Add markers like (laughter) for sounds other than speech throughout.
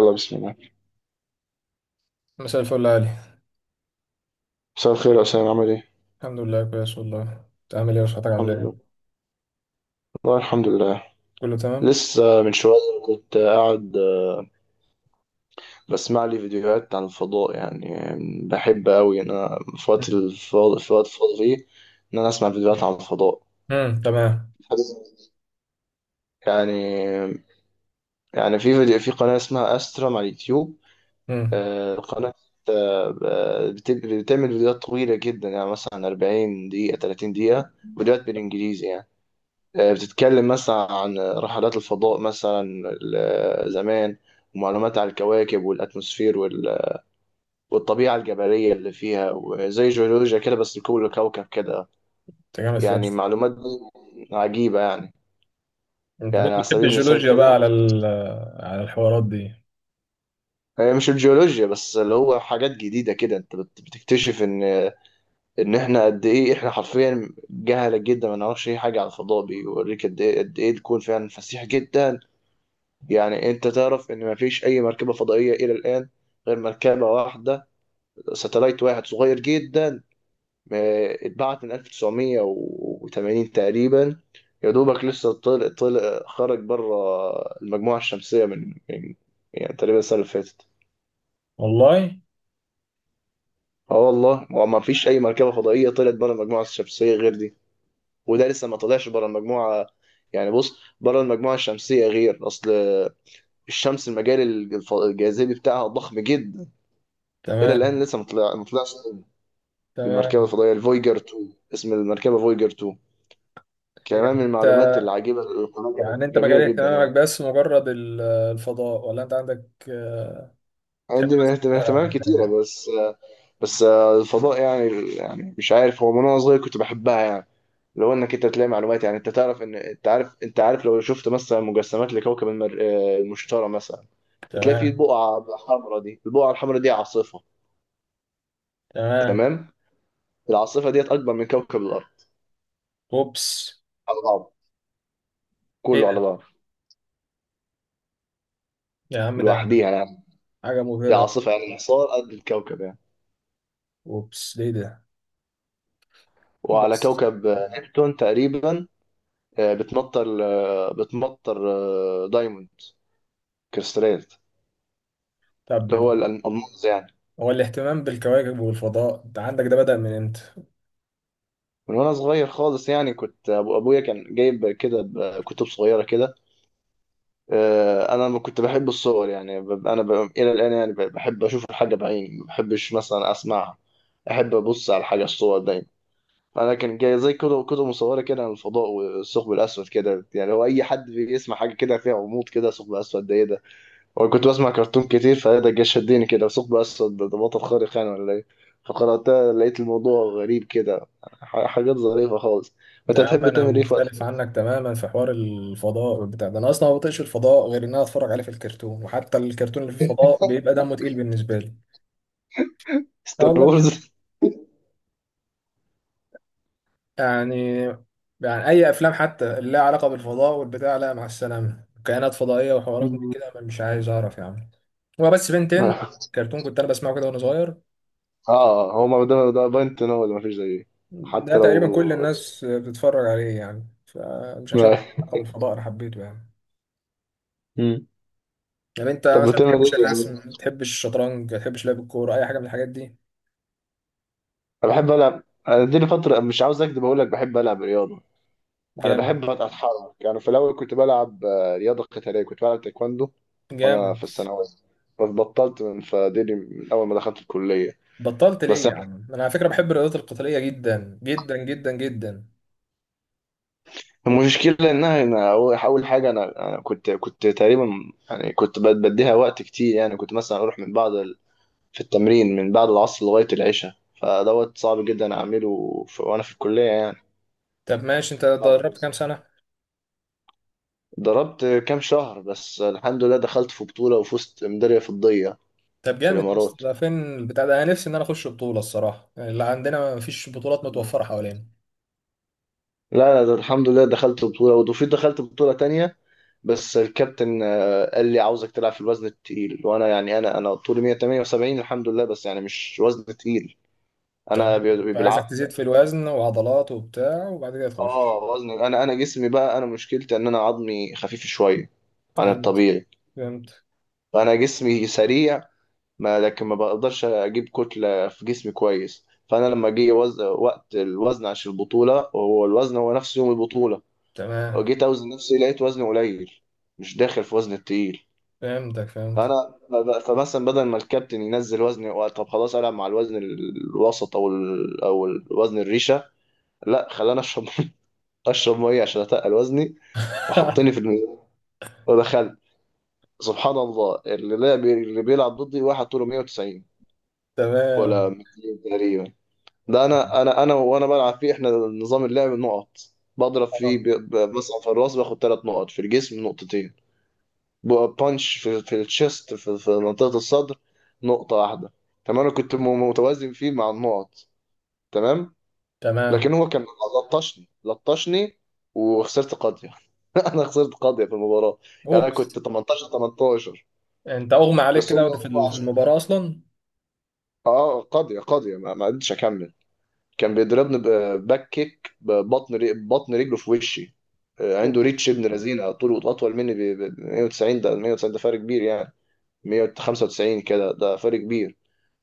يلا بسم الله. مساء الفل يا علي. مساء الخير يا أسامة، عامل إيه؟ الحمد لله كويس والله، تعمل ايه وصحتك الحمد عامله لله، ايه؟ والله الحمد لله. كله تمام. لسه من شوية كنت قاعد بسمع لي فيديوهات عن الفضاء، يعني. بحب أوي إن أنا في وقت فاضي فيه إن أنا أسمع فيديوهات عن الفضاء. امم، تمام. يعني يعني في فيديو في قناة اسمها أسترم على اليوتيوب. امم. قناة بتعمل فيديوهات طويلة جدا، يعني مثلا 40 دقيقة 30 دقيقة. فيديوهات بالإنجليزي، يعني. بتتكلم مثلا عن رحلات الفضاء مثلا زمان، ومعلومات عن الكواكب والأتموسفير والطبيعة الجبلية اللي فيها وزي جيولوجيا كده، بس لكل كوكب كده. انت جامد يعني فشخ. معلومات دي عجيبة، يعني انت يعني كنت على بتحب سبيل المثال الجيولوجيا بقى كده. على الحوارات دي. هي مش الجيولوجيا بس، اللي هو حاجات جديدة كده، انت بتكتشف ان احنا قد ايه، احنا حرفيا جهلة جدا، ما نعرفش اي حاجة عن الفضاء، بيوريك قد ايه، قد ايه الكون فعلا فسيح جدا. يعني انت تعرف ان مفيش اي مركبة فضائية الى الان غير مركبة واحدة، ساتلايت واحد صغير جدا، اتبعت من 1980 تقريبا. يا دوبك لسه طلع خرج بره المجموعة الشمسية من يعني تقريبا السنة اللي فاتت. والله. اه والله، هو ما فيش اي مركبة فضائية طلعت بره المجموعة الشمسية غير دي. وده لسه ما طلعش بره المجموعة، يعني بص، بره المجموعة الشمسية غير اصل الشمس المجال الجاذبي بتاعها ضخم جدا. الى الان تمام، لسه مطلعش بالمركبه تمام. الفضائيه الفويجر 2، اسم المركبه فويجر 2. إيه، يعني كمان من انت المعلومات العجيبه اللي القناه يعني انت جميله مجال جدا، اهتمامك يعني. بس مجرد الفضاء، ولا انت عندك تحب عندي بس من تتفرج على اهتمامات حاجات كتيره، تانية؟ بس. بس الفضاء، يعني مش عارف، هو من وانا صغير كنت بحبها يعني. لو انك انت تلاقي معلومات، يعني انت تعرف ان انت عارف لو شفت مثلا مجسمات لكوكب المر... آه، المشتري مثلا، بتلاقي فيه تمام. بقعه حمراء، دي البقعه الحمراء دي عاصفه. تمام. تمام. العاصفه ديت اكبر من كوكب الارض اوبس. على بعض، ايه كله على ده بعض، يا عم، ده لوحديها يعني. حاجه دي مبهره. عاصفة يعني حصار قد الكوكب يعني. اوبس، ليه ده. وعلى بص. كوكب نبتون تقريبا بتمطر دايموند كريستالات، طب اللي هو الألماس يعني. هو الاهتمام بالكواكب والفضاء انت عندك ده بدأ من امتى؟ من وأنا صغير خالص، يعني كنت أبويا كان جايب كده كتب صغيرة كده. أنا كنت بحب الصور، يعني. إلى الآن، يعني بحب أشوف الحاجة بعيني، ما بحبش مثلا أسمعها. أحب أبص على الحاجة، الصور دايما. انا كان جاي زي كتب مصوره كده عن الفضاء والثقب الاسود كده، يعني هو اي حد بيسمع حاجه كده فيها غموض كده، ثقب اسود ده ايه ده؟ هو كنت بسمع كرتون كتير، فده جه شدني كده، ثقب اسود ده بطل خارق يعني ولا ايه؟ فقرأتها لقيت الموضوع غريب كده، حاجات ظريفه خالص. انت يا عم تحب انا تعمل ايه في وقت؟ مختلف عنك تماما في حوار الفضاء بتاع ده، انا اصلا ما بطيقش الفضاء غير ان انا اتفرج عليه في الكرتون، وحتى الكرتون اللي فيه فضاء بيبقى دمه تقيل بالنسبه لي. اه ستار والله وورز. بجد. يعني، اي افلام حتى اللي لها علاقه بالفضاء والبتاع، لا مع السلامه، كائنات فضائيه وحوارات من كده أنا مش عايز اعرف يا عم. هو بس بنتين (laughs) كرتون كنت انا بسمعه كده وانا صغير، اه هو ما ده باينت ان هو اللي مفيش زيه. ده حتى لو. تقريبا كل الناس بتتفرج عليه يعني، فمش عشان له (laughs) علاقه بالفضاء انا حبيته يعني. مم. يعني انت طب مثلا ما بتعمل بتحبش ايه يعني؟ الرسم، ما بتحبش الشطرنج، ما بتحبش لعب الكوره، اي حاجه من الحاجات دي؟ انا بحب العب. انا دي لي فتره مش عاوز اكدب، اقول لك بحب العب رياضه. انا جامد. بحب اتحرك، يعني. في الاول كنت بلعب رياضه قتاليه، كنت بلعب تايكواندو. وانا في جامد. الثانويه بس. بطلت من اول ما دخلت الكليه. بطلت ليه بس يا عم؟ انا على فكره بحب الرياضات القتاليه جدا جدا جدا جدا. المشكله انها انا، أول أول حاجه، انا كنت تقريبا، يعني كنت بديها وقت كتير، يعني كنت مثلا اروح من بعد في التمرين من بعد العصر لغايه العشاء. فدوت صعب جدا اعمله وانا في الكليه، يعني. طب ماشي، انت صعب. دربت كام سنه؟ ضربت كام شهر بس، الحمد لله دخلت في بطوله وفزت ميداليه فضيه طب في جامد يا اسطى. الامارات. ده فين البتاع ده؟ انا نفسي ان انا اخش بطوله الصراحه، يعني اللي عندنا ما فيش بطولات متوفره حوالينا. لا، لا، ده الحمد لله دخلت بطولة، وفي دخلت بطولة تانية. بس الكابتن قال لي عاوزك تلعب في الوزن التقيل، وانا يعني انا طولي 178 الحمد لله، بس يعني مش وزن تقيل. تمام. انا فعايزك تزيد بالعافية. في الوزن وعضلات وبتاع وبعد كده اه تخش. وزن. انا جسمي بقى، انا مشكلتي ان انا عظمي خفيف شوية عن فهمت، الطبيعي. فهمت. فانا جسمي سريع، ما لكن ما بقدرش اجيب كتلة في جسمي كويس. فانا لما جه وقت الوزن عشان البطولة، هو الوزن هو نفس يوم البطولة. تمام. جيت اوزن نفسي، لقيت وزني قليل، مش داخل في وزن التقيل. فهمتك، فهمت. فانا فمثلا بدل ما الكابتن ينزل وزني طب خلاص العب مع الوزن الوسط او او الوزن الريشه، لا، خلاني اشرب. (laughs) اشرب ميه عشان اتقل وزني، وحطني في (laughs) الميزان ودخلت. سبحان الله، اللي بيلعب ضدي واحد طوله 190 ولا تمام. 200 تقريبا. ده انا وانا بلعب فيه احنا نظام اللعب نقط. بضرب فيه اه. مثلا، في الراس باخد ثلاث نقط، في الجسم نقطتين. بانش في التشيست، في منطقة الصدر نقطة واحدة. تمام. انا كنت متوازن فيه مع النقط، تمام. لكن تمام. هو كان لطشني لطشني وخسرت قاضية. (laughs) انا خسرت قاضية في المباراة. يعني انا اوبس. كنت 18 18. انت اغمى عليك بس كده هو وانت في هو في عشان المباراه اصلا؟ اه قاضية قاضية، ما قدرتش اكمل. كان بيضربني باك كيك ببطن بطن رجله في وشي. أوه. عنده ريتش ابن لذينه، طوله اطول مني 190، ده 190 ده فرق كبير يعني، 195 كده ده فرق كبير.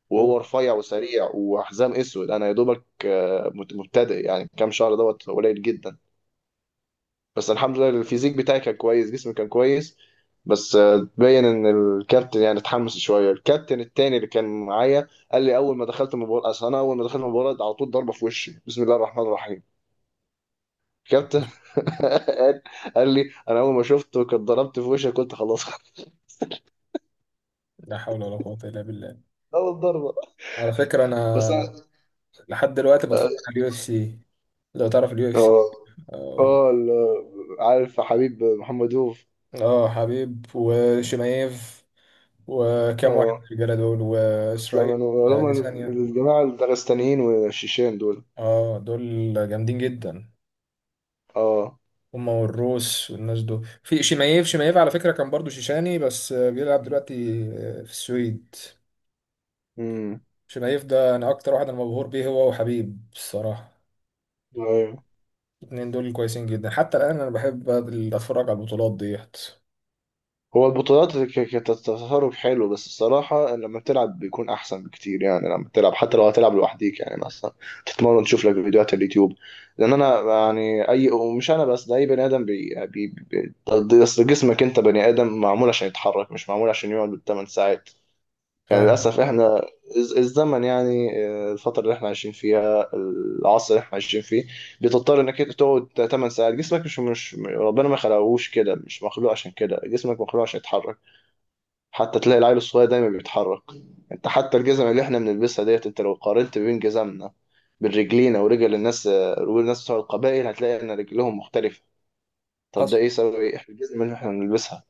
وهو اوه. رفيع وسريع وحزام اسود، انا يا دوبك مبتدئ، يعني كام شهر دوت قليل جدا. بس الحمد لله الفيزيك بتاعي كان كويس، جسمي كان كويس. بس تبين ان الكابتن يعني اتحمس شويه. الكابتن التاني اللي كان معايا قال لي اول ما دخلت المباراه على طول ضربه في وشي، بسم الله الرحمن الرحيم. الكابتن (laughs) قال قال لي انا اول ما شفته كنت ضربت في وشي، قلت خلاص. (laughs) لا حول ولا قوه الا بالله. اول ضربه، على فكره بس انا انا. لحد دلوقتي آه، بتفرج على اليو اف سي. لو تعرف اليو اف سي. آه. اه. اه عارف حبيب محمدوف؟ حبيب وشمايف وكام واحد من اه، الرجاله دول اسلام واسرائيل. منو اللي هم، ثانيه. الجماعة الدغستانيين والشيشان دول. اه دول جامدين جدا. اه. هما والروس والناس دول. في شمايف، شمايف على فكره كان برضو شيشاني بس بيلعب دلوقتي في السويد. امم. شمايف ده انا اكتر واحد انا مبهور بيه، هو وحبيب الصراحه. ايوه. الاتنين دول كويسين جدا، حتى الآن أنا بحب أتفرج على البطولات ديت. هو البطولات كتتصرف حلو، بس الصراحة لما تلعب بيكون أحسن بكتير، يعني لما تلعب حتى لو هتلعب لوحديك، يعني مثلا تتمرن تشوف لك فيديوهات على اليوتيوب. لأن أنا يعني أي، ومش أنا بس ده أي بني آدم، بي بي بي أصل جسمك أنت بني آدم معمول عشان يتحرك، مش معمول عشان يقعد 8 ساعات. يعني فاهم. للأسف إحنا الزمن يعني الفترة اللي إحنا عايشين فيها، العصر اللي إحنا عايشين فيه، بتضطر إنك أنت تقعد 8 ساعات. جسمك مش ربنا ما خلقهوش كده، مش مخلوق عشان كده، جسمك مخلوق عشان يتحرك. حتى تلاقي العيل الصغير دايما بيتحرك. أنت حتى الجزم اللي إحنا بنلبسها ديت، أنت لو قارنت بين جزمنا بين رجلينا ورجل الناس بتوع القبائل هتلاقي إن رجلهم مختلفة. طب ده حصل. إيه سبب إيه إحنا الجزم اللي إحنا بنلبسها؟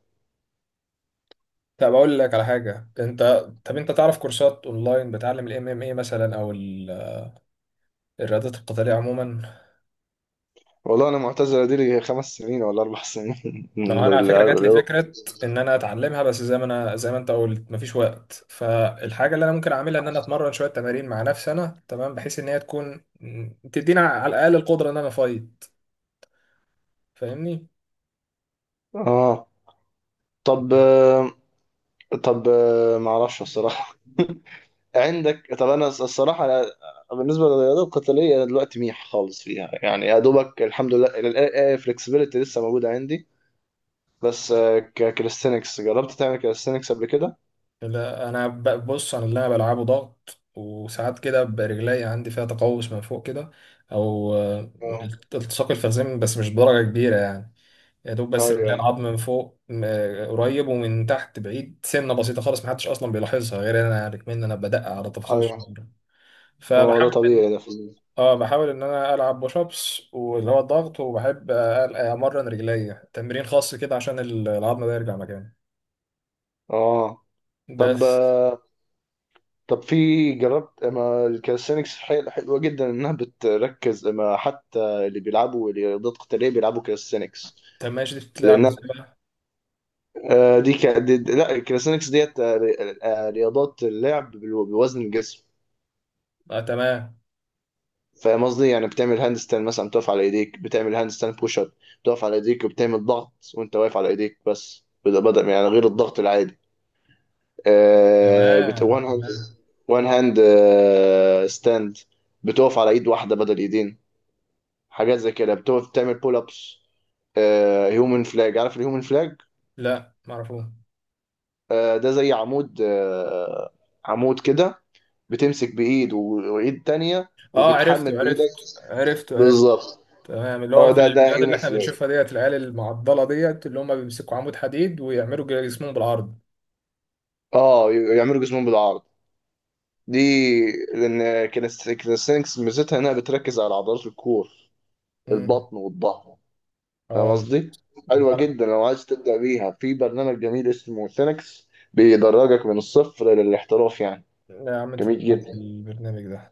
طب أقول لك على حاجة أنت. طب أنت تعرف كورسات أونلاين بتعلم ال MMA مثلا، أو الرياضات القتالية عموما؟ والله أنا معتزلة، دي لي خمس سنين ولا أربع سنين. (laughs) ما هو من أنا على فكرة جات لي الرياضة. فكرة إن أنا أتعلمها، بس زي ما أنت قلت مفيش وقت، فالحاجة اللي أنا ممكن أعملها إن أنا أتمرن شوية تمارين مع نفسي أنا تمام، بحيث إن هي تكون تدينا على الأقل القدرة إن أنا أفايت. فاهمني؟ آه طب طب. ما اعرفش الصراحه. (laughs) عندك. طب انا الصراحه أنا، بالنسبه للرياضه القتاليه انا دلوقتي ميح خالص فيها، يعني يا دوبك الحمد لله الفلكسبيليتي لسه موجوده عندي. بس ككاليستنكس، جربت تعمل كاليستنكس قبل كده؟ لا انا بص، انا اللي انا بلعبه ضغط، وساعات كده برجلي عندي فيها تقوس من فوق كده، او اه، التصاق الفخذين، بس مش بدرجه كبيره يعني. يا دوب، بس ايوه رجلي ايوه العظم من فوق قريب، ومن تحت بعيد سنه بسيطه خالص، محدش اصلا بيلاحظها غير انا يعني، كمان انا بدقق على التفاصيل ايوه، الصغيره. ما هو ده فبحاول طبيعي، ان، ده فظيع. اه، بحاول ان انا العب بوش ابس واللي هو الضغط، وبحب امرن رجلي تمرين خاص كده عشان العظم ده يرجع مكانه. اه طب بس. طب في. جربت ما الكاليستنكس حلوه جدا، انها بتركز، ما حتى اللي بيلعبوا رياضات قتاليه بيلعبوا كاليستنكس. طب ماشي، دي بتلعب لان ازاي بقى؟ آه، دي, ك... دي دي- لا الكاليستانكس ديت رياضات اللعب بوزن الجسم. تمام. فاهم قصدي؟ يعني بتعمل هاند ستاند مثلا، بتقف على ايديك بتعمل هاند ستاند بوش اب. بتقف على ايديك وبتعمل ضغط وانت واقف على ايديك، بس بدأ يعني غير الضغط العادي. آه بت... تمام، وان هاند تمام. وان هاند ستاند. بتقف على ايد واحده بدل ايدين، حاجات زي كده بتقف بتعمل بول ابس. هيومن فلاج، عارف الهيومن فلاج؟ لا معرفوش. ده زي عمود عمود كده، بتمسك بايد وايد تانية اه، وبتحمل عرفته، بايدك. عرفت. عرفته، عرفت. بالظبط، تمام، اللي هو هو في ده الفيديوهات يوم اللي احنا الفلوج. بنشوفها ديت، العيال المعضله ديت اللي هم بيمسكوا عمود حديد ويعملوا جسمهم بالعرض. اه يعملوا جسمهم بالعرض دي. لان كاليستينكس ميزتها انها بتركز على عضلات الكور، امم. البطن والظهر. فاهم اه. قصدي؟ حلوه جدا لو عايز تبدا بيها. في برنامج جميل اسمه سينكس بيدرجك من الصفر للاحتراف، يعني لا يا عم، انت جميل جدا. بتاعت البرنامج ده.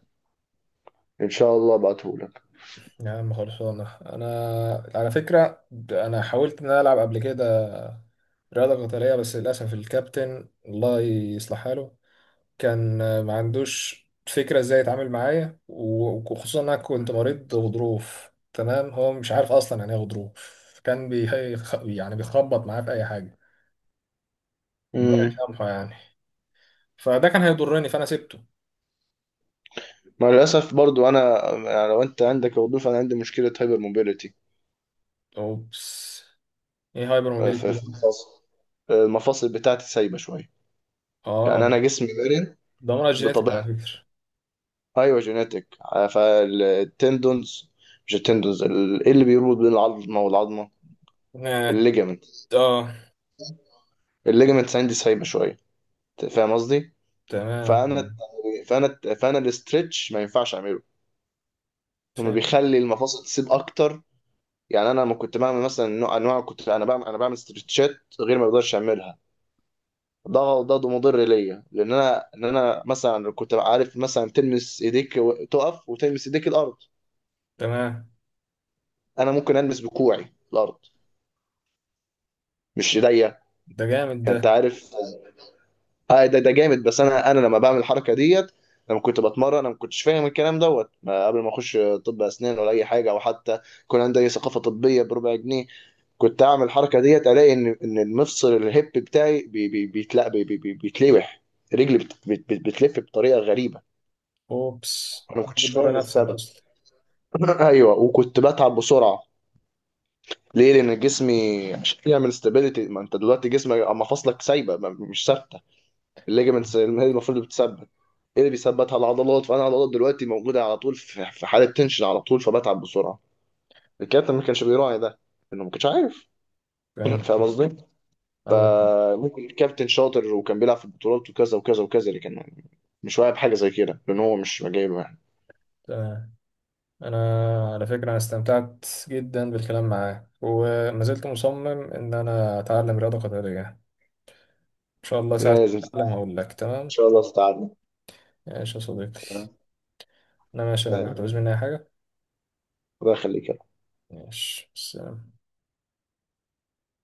ان شاء الله ابعتهولك. يا عم خلصانه انا. على فكره، انا حاولت ان انا العب قبل كده رياضه قتاليه، بس للاسف الكابتن الله يصلح حاله كان ما عندوش فكرة ازاي يتعامل معايا، وخصوصا انا كنت مريض غضروف، تمام؟ هو مش عارف اصلا يعني ايه غضروف، كان يعني بيخبط معايا في اي حاجة. ربنا امم. يسامحه يعني. فده كان هيضرني فانا سبته. مع الاسف برضو انا، يعني لو انت عندك وظيفه، انا عندي مشكله هايبر موبيليتي. اوبس. ايه هايبر موبيليتي في ده؟ الفصل. المفاصل بتاعتي سايبه شويه. يعني اه. انا جسمي مرن ده مرض جينيتك على بطبيعتي، فكرة. ايوه جينيتك. فالتندونز، مش التندونز، ايه اللي بيربط بين العظمه والعظمه، اه. الليجامنت. آه. الليجامنتس عندي سايبه شويه، أنت فاهم قصدي؟ تمام، تمام. فانا فانا الاسترتش ما ينفعش اعمله. هو فاهم. بيخلي المفاصل تسيب اكتر. يعني انا لما كنت بعمل مثلا انواع، كنت انا بعمل انا بعمل استرتشات غير ما بقدرش اعملها. ده مضر ليا، لان انا، ان انا مثلا كنت عارف، مثلا تلمس ايديك تقف وتلمس ايديك الارض، تمام. انا ممكن المس بكوعي الارض، مش ايديا. ده جامد يعني ده. انت عارف. ده جامد، بس انا لما بعمل الحركه ديت، لما كنت بتمرن انا ما كنتش فاهم الكلام دوت، ما قبل ما اخش، طب اسنان ولا اي حاجه، او حتى كان عندي أي ثقافه طبيه بربع جنيه، كنت اعمل الحركه ديت الاقي ان المفصل الهيب بتاعي بي بي بيتلا بي بي بي- بيتلوح. رجلي بتلف بطريقه غريبه. اوبس، انا ما ده كنتش فاهم بتضر نفسك السبب. اصلا. (laughs) ايوه، وكنت بتعب بسرعه. ليه؟ لان جسمي عشان يعمل استابيليتي، ما انت دلوقتي جسمك، اما فاصلك سايبه مش ثابته، الليجمنتس هي المفروض اللي بتثبت. ايه اللي بيثبتها؟ العضلات. فانا العضلات دلوقتي موجوده على طول في حاله تنشن على طول، فبتعب بسرعه. الكابتن ما كانش بيراعي ده، انه ما كانش عارف. فاهم. (laughs) فاهم قصدي؟ عندك حق. فممكن الكابتن شاطر وكان بيلعب في البطولات وكذا وكذا وكذا، لكن مش واعي بحاجه زي كده لان هو مش جايبه، يعني. تمام. انا على فكره انا استمتعت جدا بالكلام معاك، وما زلت مصمم ان انا اتعلم رياضه قتاليه، ان شاء الله ساعه لازم ما اتعلم تتعلم. هقول لك. ان تمام، شاء الله تتعلم. ماشي يا صديقي. تمام؟ انا ماشي، انا بقى سلام. تعوز مني اي حاجه؟ الله يخليك. ماشي، سلام.